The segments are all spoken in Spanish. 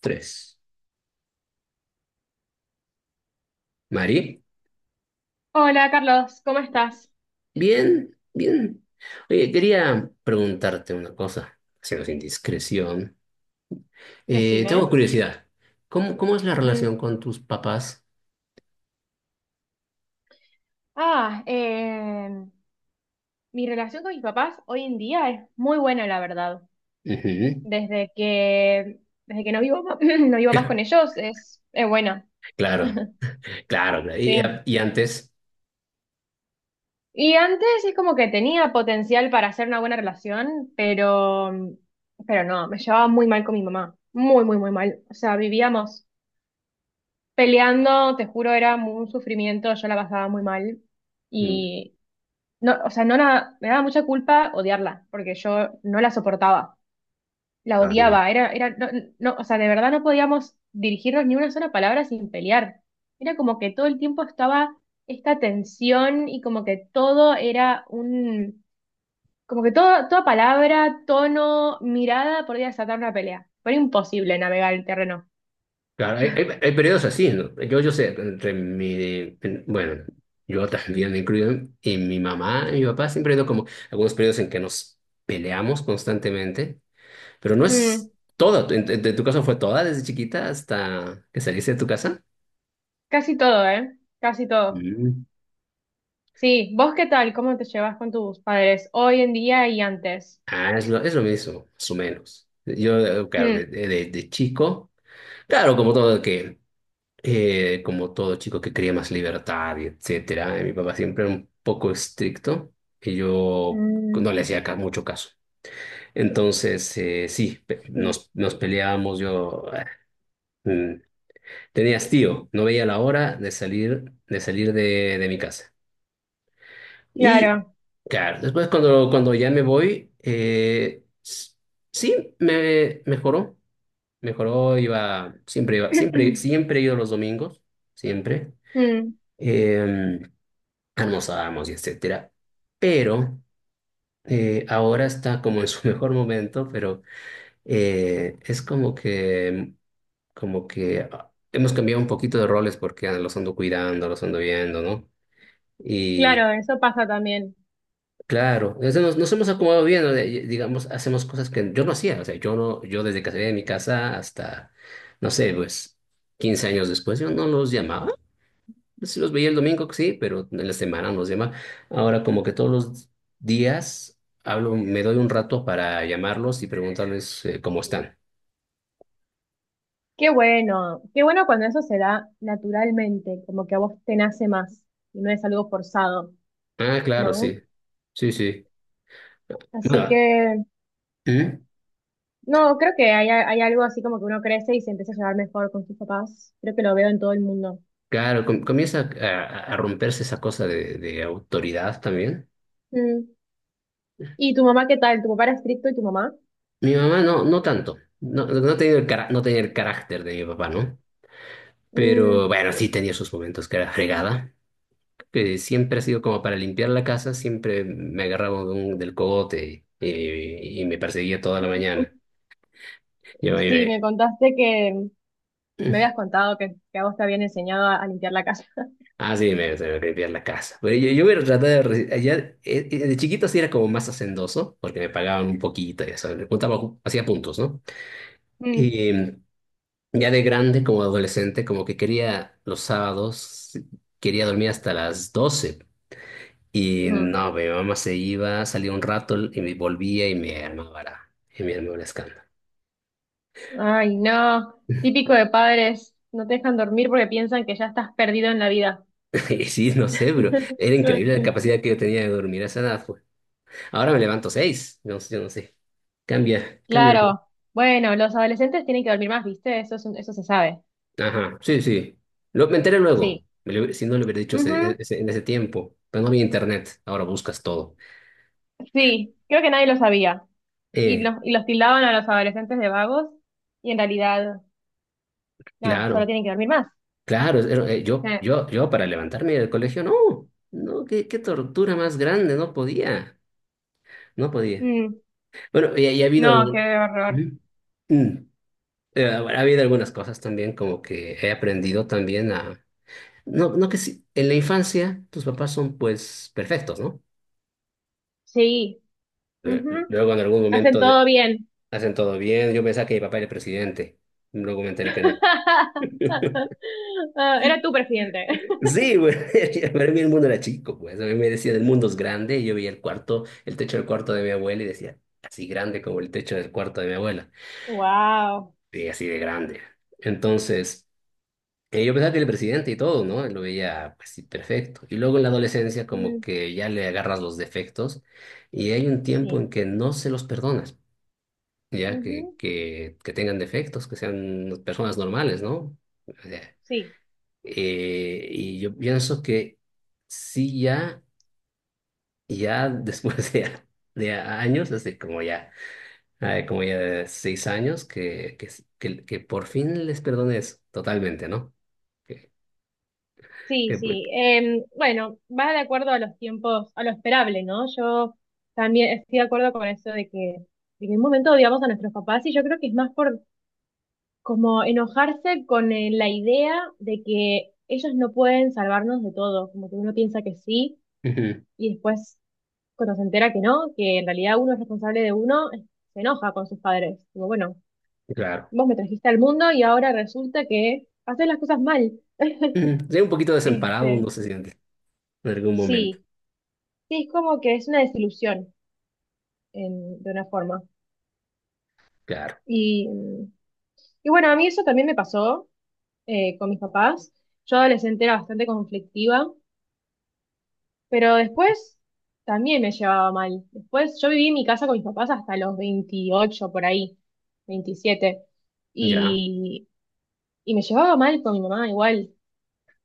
Tres. Mari, Hola Carlos, ¿cómo estás? bien, bien. Oye, quería preguntarte una cosa, haciendo sin discreción. Decime. Tengo curiosidad. ¿Cómo es la Ujú. relación con tus papás? Ah, mi relación con mis papás hoy en día es muy buena, la verdad. Ujú. Desde que, desde que no vivo, no vivo más con ellos, es buena, Claro, claro. Claro. Y, sí. y antes. Y antes es como que tenía potencial para hacer una buena relación, pero no, me llevaba muy mal con mi mamá. Muy, muy, muy mal. O sea, vivíamos peleando, te juro, era un sufrimiento, yo la pasaba muy mal. Mm. No, o sea, no la- me daba mucha culpa odiarla, porque yo no la soportaba, la Ah, bien. odiaba, era, no, no, o sea, de verdad no podíamos dirigirnos ni una sola palabra sin pelear. Era como que todo el tiempo estaba esta tensión y como que todo era un, como que todo, toda palabra, tono, mirada podía desatar una pelea. Fue imposible navegar el terreno. Claro, hay periodos así, ¿no? Yo sé, entre mi, bueno, yo también me incluyo, y mi mamá y mi papá siempre han ido como algunos periodos en que nos peleamos constantemente. Pero no es Mm, toda. ¿En tu caso fue toda desde chiquita hasta que saliste de tu casa? casi todo, ¿eh? Casi todo. Mm. Sí, ¿vos qué tal? ¿Cómo te llevas con tus padres hoy en día y antes? Ah, es lo mismo, más o menos. Yo, claro, Mm. de chico, claro, como todo que, como todo chico que quería más libertad y etcétera. Mi papá siempre era un poco estricto y yo Mm. no le hacía mucho caso. Entonces, sí, Mm, nos peleábamos. Yo, mm, tenía hastío, no veía la hora de salir, de salir de mi casa. Y claro, claro, después cuando ya me voy, sí, me mejoró. Mejoró, iba, siempre, siempre he ido los domingos, siempre. mm, Eh, Almorzábamos y etcétera. Pero ahora está como en su mejor momento, pero es como que hemos cambiado un poquito de roles porque los ando cuidando, los ando viendo, ¿no? claro, eso pasa también. Claro, desde, nos hemos acomodado bien, ¿no? Digamos, hacemos cosas que yo no hacía, o sea, yo no, yo desde que salí de mi casa hasta, no sé, pues 15 años después, yo no los llamaba, sí los veía el domingo, sí, pero en la semana no los llamaba. Ahora como que todos los días hablo, me doy un rato para llamarlos y preguntarles cómo están. Qué bueno cuando eso se da naturalmente, como que a vos te nace más y no es algo forzado, Ah, claro, ¿no? sí, sí, sí. Así Bueno. que, ¿Mm? no, creo que hay algo así como que uno crece y se empieza a llevar mejor con sus papás. Creo que lo veo en todo el mundo. Claro, comienza a romperse esa cosa de autoridad también. Mm, ¿y tu mamá qué tal? ¿Tu papá era estricto y tu mamá? Mi mamá no, no tanto. No, no tenía el carácter de mi papá, ¿no? Pero Mm, bueno, sí tenía sus momentos que era fregada, que siempre ha sido como para limpiar la casa, siempre me agarraba de del cogote y me perseguía toda la mañana. Yo me, sí, me- me habías contado que, a vos te habían enseñado a, limpiar la casa. ah, sí, se me limpiar la casa. Pero yo me trataba de allá. De chiquito sí era como más hacendoso, porque me pagaban un poquito, y eso, le juntaba, hacía puntos, ¿no? Mm, Ya de grande, como adolescente, como que quería los sábados, quería dormir hasta las 12. Y mm. no, mi mamá se iba, salía un rato y me volvía y me armaba el escándalo. Ay, no. Típico de padres, no te dejan dormir porque piensan que ya estás perdido en la vida. Y sí, no sé, pero era increíble la capacidad que yo tenía de dormir a esa edad, pues. Ahora me levanto seis, no sé, yo no sé. Cambia, cambia. Claro. Bueno, los adolescentes tienen que dormir más, ¿viste? Eso es eso se sabe. Ajá, sí, sí. Me enteré luego. Sí. Si no le hubiera dicho Ujú, en ese tiempo. Pero no había internet, ahora buscas todo. sí, creo que nadie lo sabía. Y Eh, los, y los tildaban a los adolescentes de vagos y en realidad, nada, solo claro. tienen que dormir más. Claro, yo, Sí. yo, yo para levantarme del colegio, no, no, qué tortura más grande, no podía, no podía. Mm, Bueno, y ha habido no, qué algún. horror. Ujú. Mm. Ha habido algunas cosas también como que he aprendido también a. No, no que si en la infancia tus papás son pues perfectos, ¿no? Sí. Ujú, Luego en algún hacen momento todo bien. hacen todo bien. Yo pensaba que mi papá era el presidente, luego me enteré que no. Ah, era tu presidente. Sí, güey, para mí el mundo era chico, pues. A mí me decían el mundo es grande y yo veía el cuarto, el techo del cuarto de mi abuela y decía, así grande como el techo del cuarto de mi abuela. Wow. Sí, así de grande. Entonces, yo pensaba que era el presidente y todo, ¿no? Lo veía, pues, sí, perfecto. Y luego en la adolescencia como Mm, que ya le agarras los defectos y hay un tiempo sí, en que no se los perdonas, ya que, ujú, que, que tengan defectos, que sean personas normales, ¿no? O sea, sí, y yo pienso que sí, ya. Y ya después de años, hace como ya 6 años, que por fin les perdones totalmente, ¿no? Que, sí, pues, sí. Bueno, va de acuerdo a los tiempos, a lo esperable, ¿no? Yo también estoy de acuerdo con eso de que, en un momento odiamos a nuestros papás y yo creo que es más por como enojarse con la idea de que ellos no pueden salvarnos de todo, como que uno piensa que sí ujú, y después cuando se entera que no, que en realidad uno es responsable de uno, se enoja con sus padres. Como, bueno, claro. vos me trajiste al mundo y ahora resulta que haces las cosas mal. Ujú. Sí, un poquito desemparado Este, uno se siente en algún momento. sí, sí, es como que es una desilusión de una forma. Claro, Y, y bueno, a mí eso también me pasó con mis papás. Yo adolescente era bastante conflictiva, pero después también me llevaba mal. Después yo viví en mi casa con mis papás hasta los 28 por ahí, 27. ya, Y, y me llevaba mal con mi mamá igual.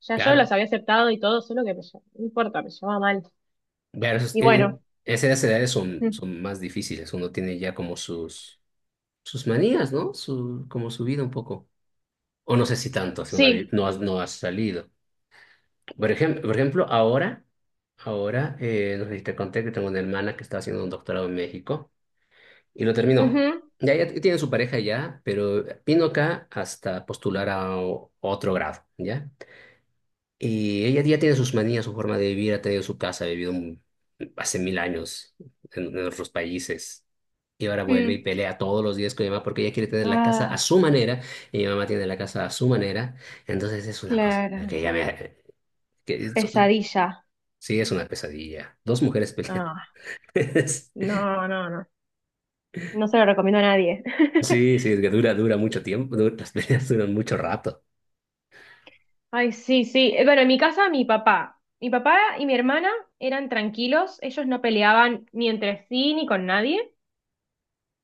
Ya yo claro. los había aceptado y todo, solo que no importa, me llevaba mal. Pero Y bueno, esas edades son, mm, son más difíciles. Uno tiene ya como sus manías, ¿no? Como su vida un poco. O no sé si tanto, si sí. no has salido. Por ejemplo, ahora, ahora, no sé si te conté que tengo una hermana que está haciendo un doctorado en México y lo terminó. Ujú, Ya, ya tiene su pareja ya, pero vino acá hasta postular a otro grado, ¿ya? Y ella ya tiene sus manías, su forma de vivir, ha tenido su casa, ha vivido hace mil años en otros países. Y ahora vuelve y mm. pelea todos los días con mi mamá porque ella quiere tener la casa a Ah, su manera y mi mamá tiene la casa a su manera. Entonces es una cosa claro. que ya me. que es- Pesadilla. Sí, es una pesadilla. Dos mujeres pelean. Ah, no, no, no. No se lo recomiendo a nadie. Sí, sí, es que dura mucho tiempo, las peleas duran mucho rato. Ay, sí, sí. Bueno, en mi casa, Mi papá y mi hermana eran tranquilos, ellos no peleaban ni entre sí ni con nadie.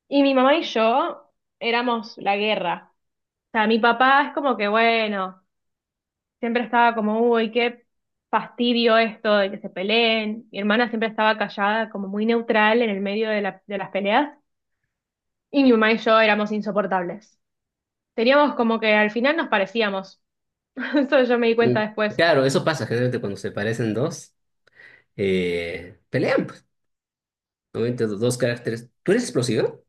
Y mi mamá y yo éramos la guerra. O sea, mi papá es como que, bueno, siempre estaba como, uy, qué fastidio esto de que se peleen. Mi hermana siempre estaba callada, como muy neutral en el medio de de las peleas. Y mi mamá y yo éramos insoportables. Teníamos como que al final nos parecíamos. Eso yo me di cuenta Mm. después. Claro, eso pasa generalmente cuando se parecen dos, pelean, pues. Normalmente dos caracteres. ¿Tú eres explosivo?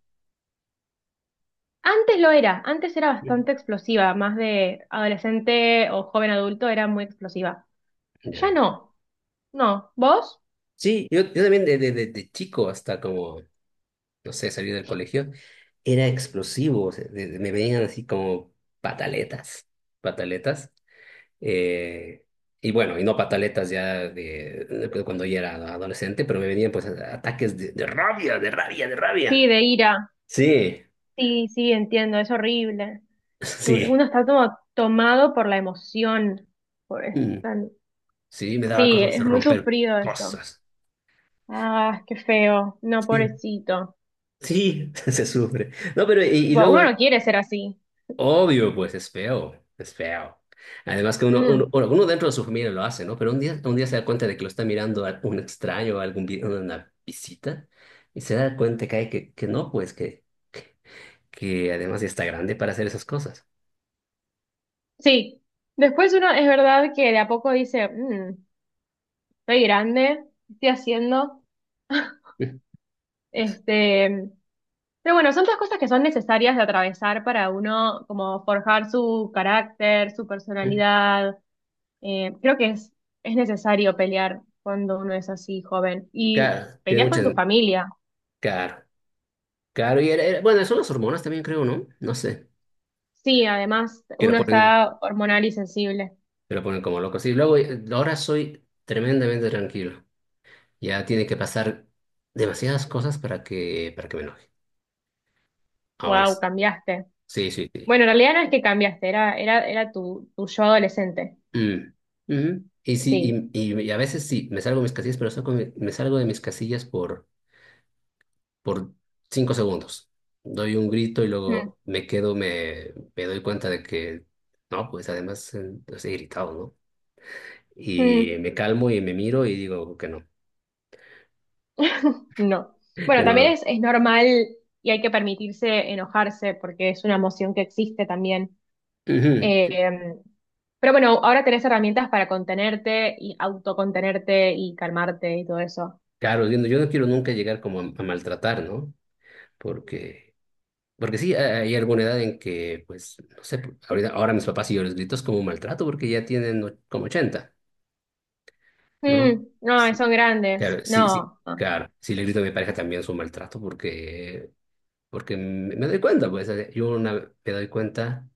Antes lo era, antes era Sí. bastante explosiva, más de adolescente o joven adulto era muy explosiva. Ya Ya. no, no. ¿Vos? Sí, yo también de chico hasta como, no sé, salir del colegio, era explosivo. O sea, me venían así como pataletas, pataletas. Eh, y bueno, y no pataletas ya de pues, cuando yo era adolescente, pero me venían pues ataques de rabia, de rabia, de Sí, rabia. de ira. Sí, Sí, sí, entiendo, es horrible. sí, Uno está como tomado por la emoción. Por esa- Mm, sí, me daba Sí, cosas es de muy romper sufrido eso. cosas. Ah, qué feo. No, Sí, pobrecito. sí, se sufre. No, pero y Tipo, uno luego, no quiere ser así. obvio, pues es feo, es feo. Además que uno, Mm. uno, bueno, uno dentro de su familia lo hace, ¿no? Pero un día se da cuenta de que lo está mirando a un extraño, a una visita, y se da cuenta que, hay que no, pues que además ya está grande para hacer esas cosas. Sí, después uno es verdad que de a poco dice, "Mm, estoy grande, ¿qué estoy haciendo?", Eh, este, pero bueno, son todas cosas que son necesarias de atravesar para uno como forjar su carácter, su eh. personalidad. Creo que es, necesario pelear cuando uno es así joven y Claro, tiene peleas con tu muchas. familia. Claro, claro. Y bueno, son las hormonas también, creo, ¿no? No sé. Sí, además Que lo uno ponen, está hormonal y sensible. que lo ponen como loco. Sí, luego ahora soy tremendamente tranquilo. Ya tiene que pasar demasiadas cosas para que me enoje. Ahora Wow, sí. cambiaste. Sí, sí, sí. Bueno, en realidad no es que cambiaste, era tu yo adolescente. Mm, mm. Y sí, Sí. y a veces sí, me salgo de mis casillas, pero me salgo de mis casillas por 5 segundos. Doy un grito y luego me quedo, me doy cuenta de que, no, pues además pues, he gritado, ¿no? Mm, Y me calmo y me miro y digo que no, no. que Bueno, también no. es normal y hay que permitirse enojarse porque es una emoción que existe también. Ujú. Eh, pero bueno, ahora tenés herramientas para contenerte y autocontenerte y calmarte y todo eso. Claro, yo no quiero nunca llegar como a maltratar, ¿no? Porque, porque sí, hay alguna edad en que, pues, no sé, ahora mis papás y yo les grito es como un maltrato porque ya tienen como 80, ¿no? Mm, no, Sí. son Claro, grandes. sí, sí. No, no. Claro, si le grito a mi pareja también es un maltrato porque me doy cuenta, pues, me doy cuenta,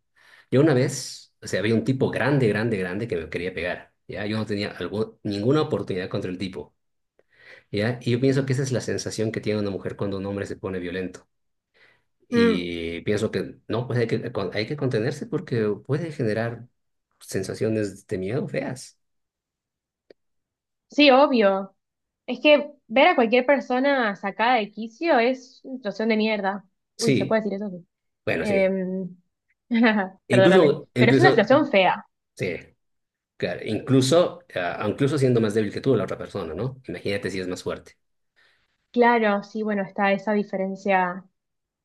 yo una vez, o sea, había un tipo grande, grande, grande que me quería pegar, ¿ya? Yo no tenía ninguna oportunidad contra el tipo, ¿ya? Y yo pienso que esa es la sensación que tiene una mujer cuando un hombre se pone violento. Mm, Y pienso que no, pues hay que contenerse porque puede generar sensaciones de miedo feas. sí, obvio. Es que ver a cualquier persona sacada de quicio es una situación de mierda. Uy, se Sí, puede decir eso. Sí. bueno, sí. Em, perdóname. Pero es una Incluso, situación fea. sí, claro, incluso siendo más débil que tú la otra persona, ¿no? Imagínate si es más fuerte. Claro, sí, bueno, está esa diferencia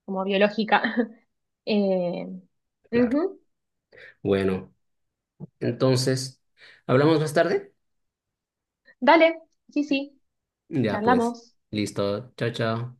como biológica. Eh, Claro. ujú. Bueno, entonces, ¿hablamos más tarde? Dale, sí, sí, Ya pues, charlamos. listo. Chao, chao.